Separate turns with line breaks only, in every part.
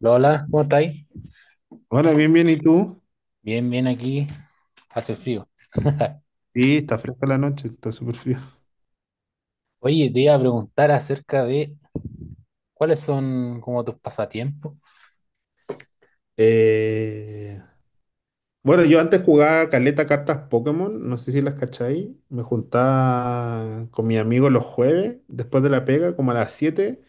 Lola, ¿cómo estáis?
Hola, bien, bien, ¿y tú?
Bien, bien aquí, hace frío.
Sí, está fresca la noche, está súper frío.
Oye, te iba a preguntar acerca de cuáles son como tus pasatiempos.
Eh, bueno, yo antes jugaba caleta cartas Pokémon, no sé si las cacháis. Me juntaba con mi amigo los jueves, después de la pega, como a las 7.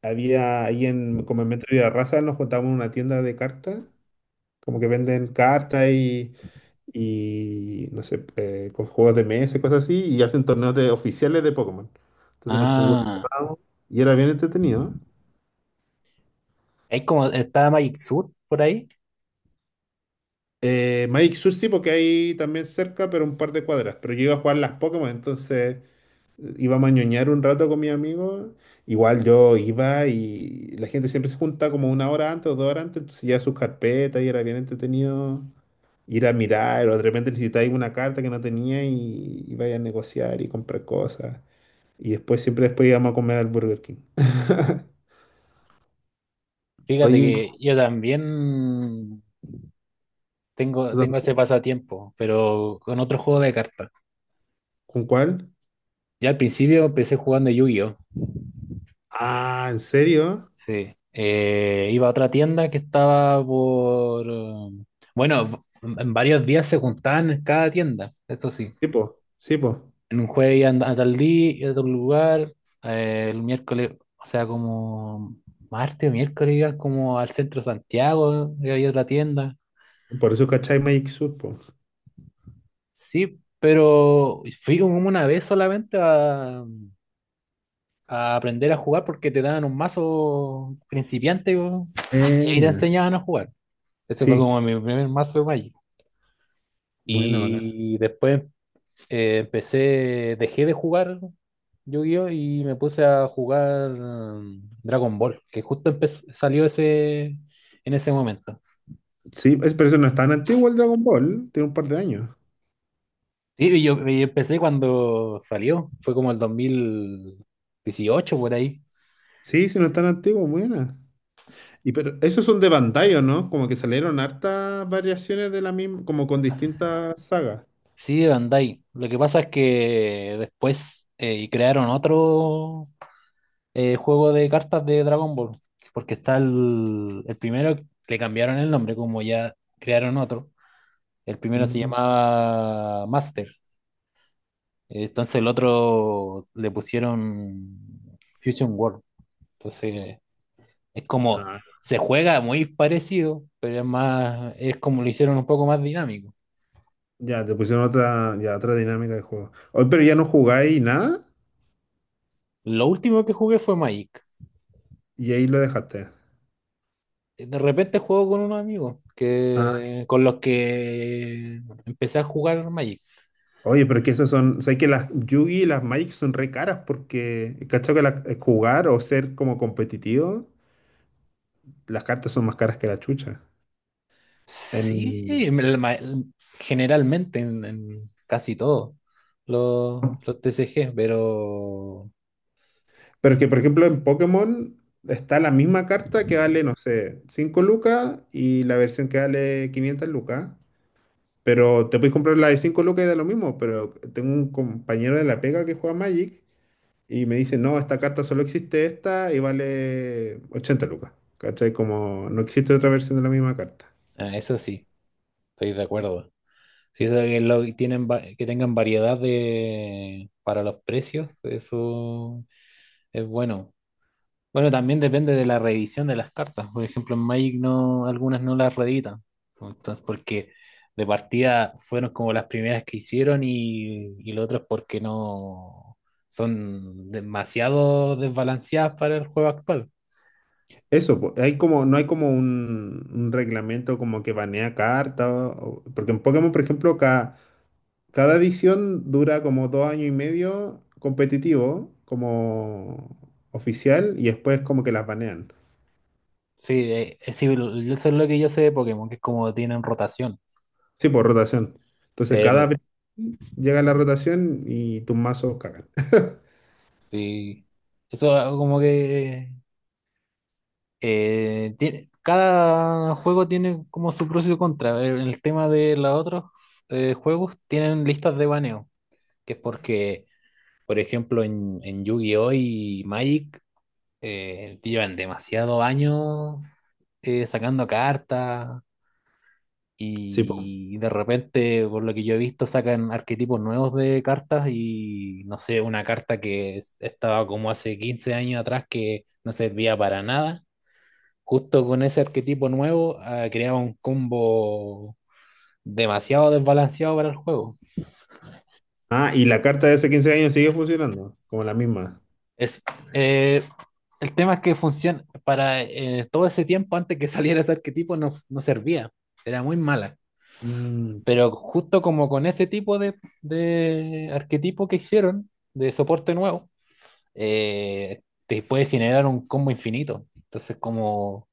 Había ahí como en Metro Raza nos juntábamos en una tienda de cartas, como que venden cartas y no sé, con juegos de mesa y cosas así, y hacen torneos de, oficiales de Pokémon. Entonces nos
Ah,
jugamos y era bien entretenido.
hay como, está Magic Sur por ahí.
Magic Sur porque hay también cerca, pero un par de cuadras. Pero yo iba a jugar las Pokémon, entonces iba a ñoñar un rato con mis amigos. Igual yo iba y la gente siempre se junta como una hora antes o 2 horas antes, entonces ya sus carpetas y era bien entretenido ir a mirar o de repente necesitáis una carta que no tenía y vaya a negociar y comprar cosas. Y después, siempre después íbamos a comer al Burger King.
Fíjate
Oye, ¿y tú,
que yo también tengo,
tú
tengo ese
también?
pasatiempo, pero con otro juego de cartas.
¿Con cuál?
Ya al principio empecé jugando Yu-Gi-Oh!
Ah, ¿en serio?
Sí. Iba a otra tienda que estaba por... Bueno, en varios días se juntaban en cada tienda, eso sí.
Sí, po, sí, po.
En un jueves iban a tal día, a tal lugar, el miércoles, o sea, como martes o miércoles iban como al centro de Santiago, y había otra tienda.
Por eso, ¿cachai? Magic Sword, po.
Sí, pero fui como una vez solamente a aprender a jugar porque te daban un mazo principiante po, y ahí te
Buena.
enseñaban a jugar. Ese fue
Sí,
como mi primer mazo de Magic.
buena, bacana.
Y después empecé, dejé de jugar Yu-Gi-Oh! Y me puse a jugar Dragon Ball, que justo salió ese, en ese momento.
Sí, es, pero eso no es tan antiguo el Dragon Ball, tiene un par de años.
Sí, y yo, y empecé cuando salió, fue como el 2018 por ahí.
Sí, sí, no es tan antiguo, buena. Y pero esos son de Bandai, ¿o no? Como que salieron hartas variaciones de la misma, como con distintas sagas.
Sí, de Bandai. Lo que pasa es que después crearon otro juego de cartas de Dragon Ball, porque está el primero, le cambiaron el nombre, como ya crearon otro. El primero se
Mm.
llamaba Master. Entonces el otro le pusieron Fusion World. Entonces es como,
Ah,
se juega muy parecido, pero es más, es como lo hicieron un poco más dinámico.
ya, te pusieron otra, ya, otra dinámica de juego. Hoy, pero ya no jugáis nada
Lo último que jugué fue Magic.
y ahí lo dejaste.
De repente juego con unos amigos
Ah,
que, con los que empecé a jugar Magic.
oye, pero es que esas son, sé que las Yugi y las Magic son re caras porque, ¿cachai? Que las- jugar o ser como competitivo. Las cartas son más caras que la chucha.
Sí,
En...
me- la ma- generalmente en casi todos los TCG, pero
Pero es que, por ejemplo, en Pokémon está la misma carta que vale, no sé, 5 lucas y la versión que vale 500 lucas. Pero te puedes comprar la de 5 lucas y da lo mismo. Pero tengo un compañero de la pega que juega Magic y me dice, no, esta carta solo existe esta y vale 80 lucas. ¿Cachai? Como no existe otra versión de la misma carta.
eso sí, estoy de acuerdo. Sí, eso que, lo, tienen, que tengan variedad de, para los precios, eso es bueno. Bueno, también depende de la reedición de las cartas. Por ejemplo, en Magic no, algunas no las reeditan. Entonces, porque de partida fueron como las primeras que hicieron y lo otro es porque no son demasiado desbalanceadas para el juego actual.
Eso, po, hay como, no hay como un reglamento como que banea cartas, porque en Pokémon, por ejemplo, cada edición dura como 2 años y medio competitivo, como oficial, y después como que las banean.
Sí, sí, eso es lo que yo sé de Pokémon, que es como tienen rotación.
Sí, por rotación. Entonces cada
El,
vez llega la rotación y tus mazos cagan.
sí. Eso como que cada juego tiene como su pros y su contra. En el tema de los otros juegos tienen listas de baneo, que es porque, por ejemplo, en Yu-Gi-Oh! Y Magic llevan demasiado años sacando cartas
Sí, po.
y de repente, por lo que yo he visto, sacan arquetipos nuevos de cartas y no sé, una carta que estaba como hace 15 años atrás que no servía para nada justo con ese arquetipo nuevo, ah, creaba un combo demasiado desbalanceado para el juego.
Ah, y la carta de hace 15 años sigue funcionando, como la misma.
Es, eh, el tema es que funciona para todo ese tiempo antes que saliera ese arquetipo no, no servía, era muy mala.
Mm,
Pero justo como con ese tipo de arquetipo que hicieron, de soporte nuevo, eh, te puede generar un combo infinito. Entonces, como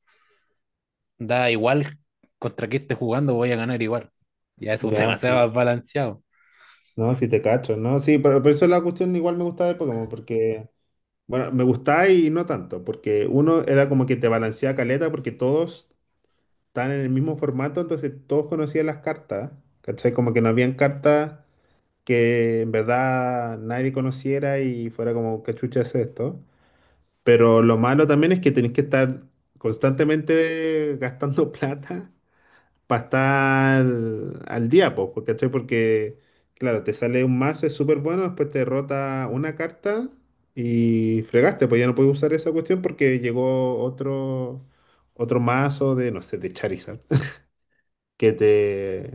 da igual contra qué estés jugando, voy a ganar igual. Ya eso es
ya, sí.
demasiado balanceado.
No, sí te cacho, ¿no? Sí, pero por eso la cuestión igual me gustaba de Pokémon, porque, bueno, me gustaba y no tanto, porque uno era como que te balancea caleta, porque todos estaban en el mismo formato, entonces todos conocían las cartas, ¿cachai? Como que no habían cartas que en verdad nadie conociera y fuera como, ¿qué chucha es esto? Pero lo malo también es que tenés que estar constantemente gastando plata para estar al día, po, po, ¿cachai? Porque, claro, te sale un mazo, es súper bueno, después te derrota una carta y fregaste, pues ya no puedes usar esa cuestión porque llegó otro... Otro mazo de, no sé, de Charizard que te,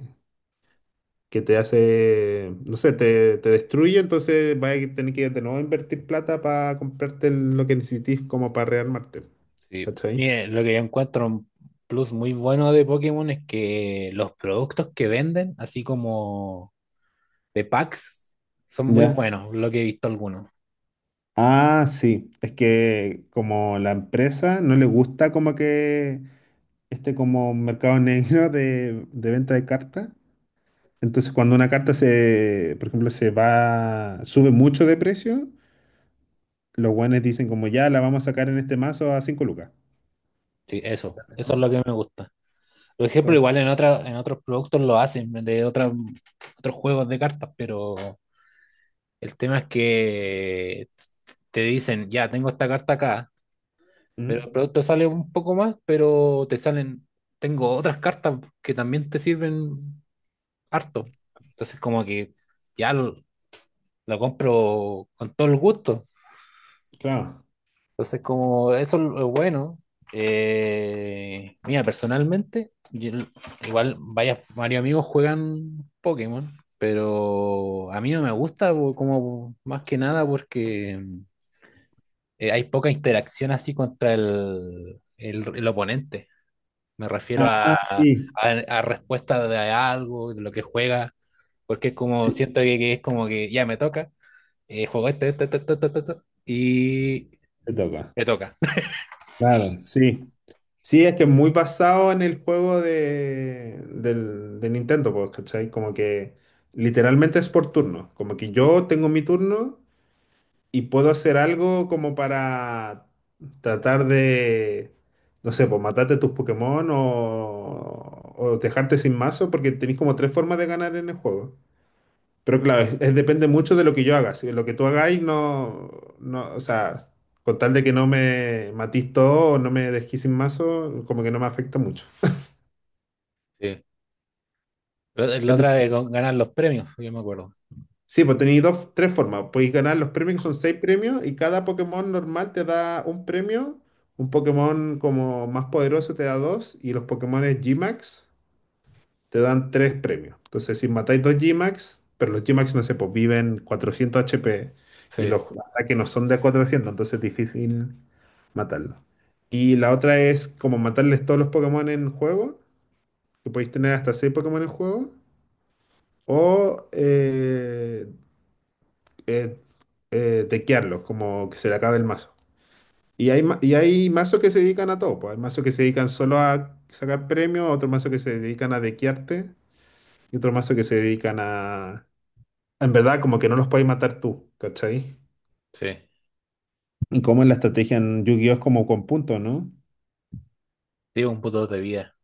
que te hace, no sé, te destruye, entonces vas a tener que de nuevo invertir plata para comprarte el- lo que necesites como para rearmarte.
Sí,
¿Cachai?
mire, lo que yo encuentro un plus muy bueno de Pokémon es que los productos que venden, así como de packs, son muy
Ya.
buenos, lo que he visto algunos.
Ah, sí, es que como la empresa no le gusta como que este como mercado negro de venta de cartas, entonces cuando una carta se, por ejemplo, se va, sube mucho de precio, los guanes dicen como ya la vamos a sacar en este mazo a 5 lucas.
Sí, eso es lo que me gusta. Por ejemplo,
Entonces,
igual en otra, en otros productos lo hacen, otros juegos de cartas, pero el tema es que te dicen, ya, tengo esta carta acá, pero
¿Mm?
el producto sale un poco más, pero te salen, tengo otras cartas que también te sirven harto. Entonces, como que ya lo compro con todo el gusto.
Claro.
Entonces, como eso es bueno. Mira, personalmente, igual varios amigos juegan Pokémon, pero a mí no me gusta como más que nada porque hay poca interacción así contra el oponente. Me refiero
Ah, sí,
a respuesta de algo, de lo que juega, porque es como
sí,
siento que es como que ya me toca juego este, este, este, este, este, este, este, y
te toca.
le toca.
Claro, sí. Sí, es que es muy basado en el juego de, del, de Nintendo, pues, ¿cachai? Como que literalmente es por turno. Como que yo tengo mi turno y puedo hacer algo como para tratar de, no sé, pues matarte tus Pokémon o dejarte sin mazo, porque tenéis como tres formas de ganar en el juego. Pero claro, es- depende mucho de lo que yo haga. Si lo que tú hagáis no, no, o sea, con tal de que no me matís todo o no me dejís sin mazo, como que no me afecta mucho.
Sí. Pero la
¿Cachai?
otra vez con ganar los premios, yo me acuerdo.
Sí, pues tenéis dos, tres formas. Podéis ganar los premios, que son seis premios, y cada Pokémon normal te da un premio. Un Pokémon como más poderoso te da dos, y los Pokémon G-Max te dan tres premios. Entonces, si matáis dos G-Max, pero los G-Max, no sé, pues viven 400 HP y
Sí,
los ataques no son de 400, entonces es difícil matarlos. Y la otra es como matarles todos los Pokémon en juego, que podéis tener hasta 6 Pokémon en juego, o eh, dequearlos, como que se le acabe el mazo. Y hay, ma- y hay mazos que se dedican a todo, pues. Hay mazos que se dedican solo a sacar premios, otros mazos que se dedican a dequearte y otros mazos que se dedican a, en verdad, como que no los puedes matar tú, ¿cachai?
sí.
Y como en la estrategia en Yu-Gi-Oh! Es como con puntos, ¿no?
Digo, un puto de vida.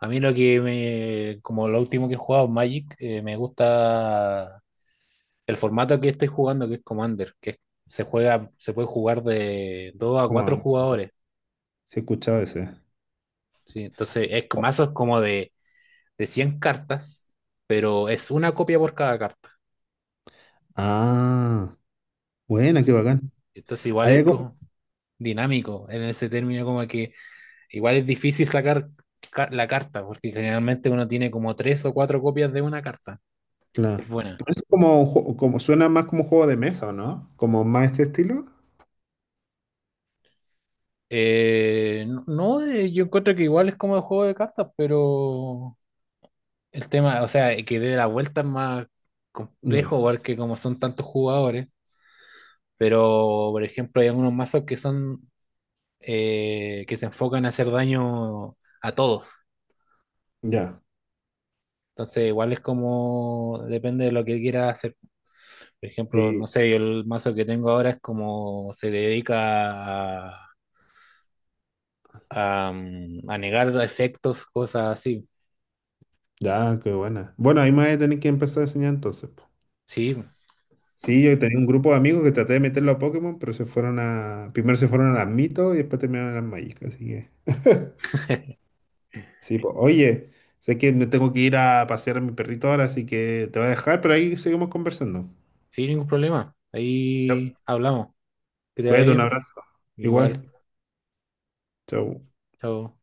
A mí lo que me, como lo último que he jugado, Magic, me gusta el formato que estoy jugando, que es Commander, que se juega, se puede jugar de 2 a 4
Como, se
jugadores.
escucha escuchado ese.
Sí, entonces es con mazos como de 100 cartas, pero es una copia por cada carta.
Ah, buena, qué
Entonces,
bacán.
entonces igual
Hay
es
algo,
como dinámico en ese término, como que igual es difícil sacar la carta, porque generalmente uno tiene como tres o cuatro copias de una carta. Es
claro.
buena.
Pero es como, un ju- como suena más como un juego de mesa, ¿o no? Como más este estilo.
No, no, yo encuentro que igual es como el juego de cartas, pero el tema, o sea, que dé la vuelta es más
Ya,
complejo, porque como son tantos jugadores, pero por ejemplo hay algunos mazos que son que se enfocan a hacer daño a todos.
ya,
Entonces igual es como depende de lo que quiera hacer. Por ejemplo,
sí,
no sé, yo el mazo que tengo ahora es como se dedica a, a negar efectos, cosas así.
ya, qué buena. Bueno, ahí me voy a tener que empezar a enseñar entonces, po.
Sí,
Sí, yo tenía un grupo de amigos que traté de meterlo a Pokémon, pero se fueron a, primero se fueron a las mitos y después terminaron en las Magic, así que. Sí, pues, oye, sé que me tengo que ir a pasear a mi perrito ahora, así que te voy a dejar, pero ahí seguimos conversando.
sin ningún problema.
Yep.
Ahí hablamos. Que te vaya
Cuídate, un
bien.
abrazo.
Igual,
Igual. Chau.
chao.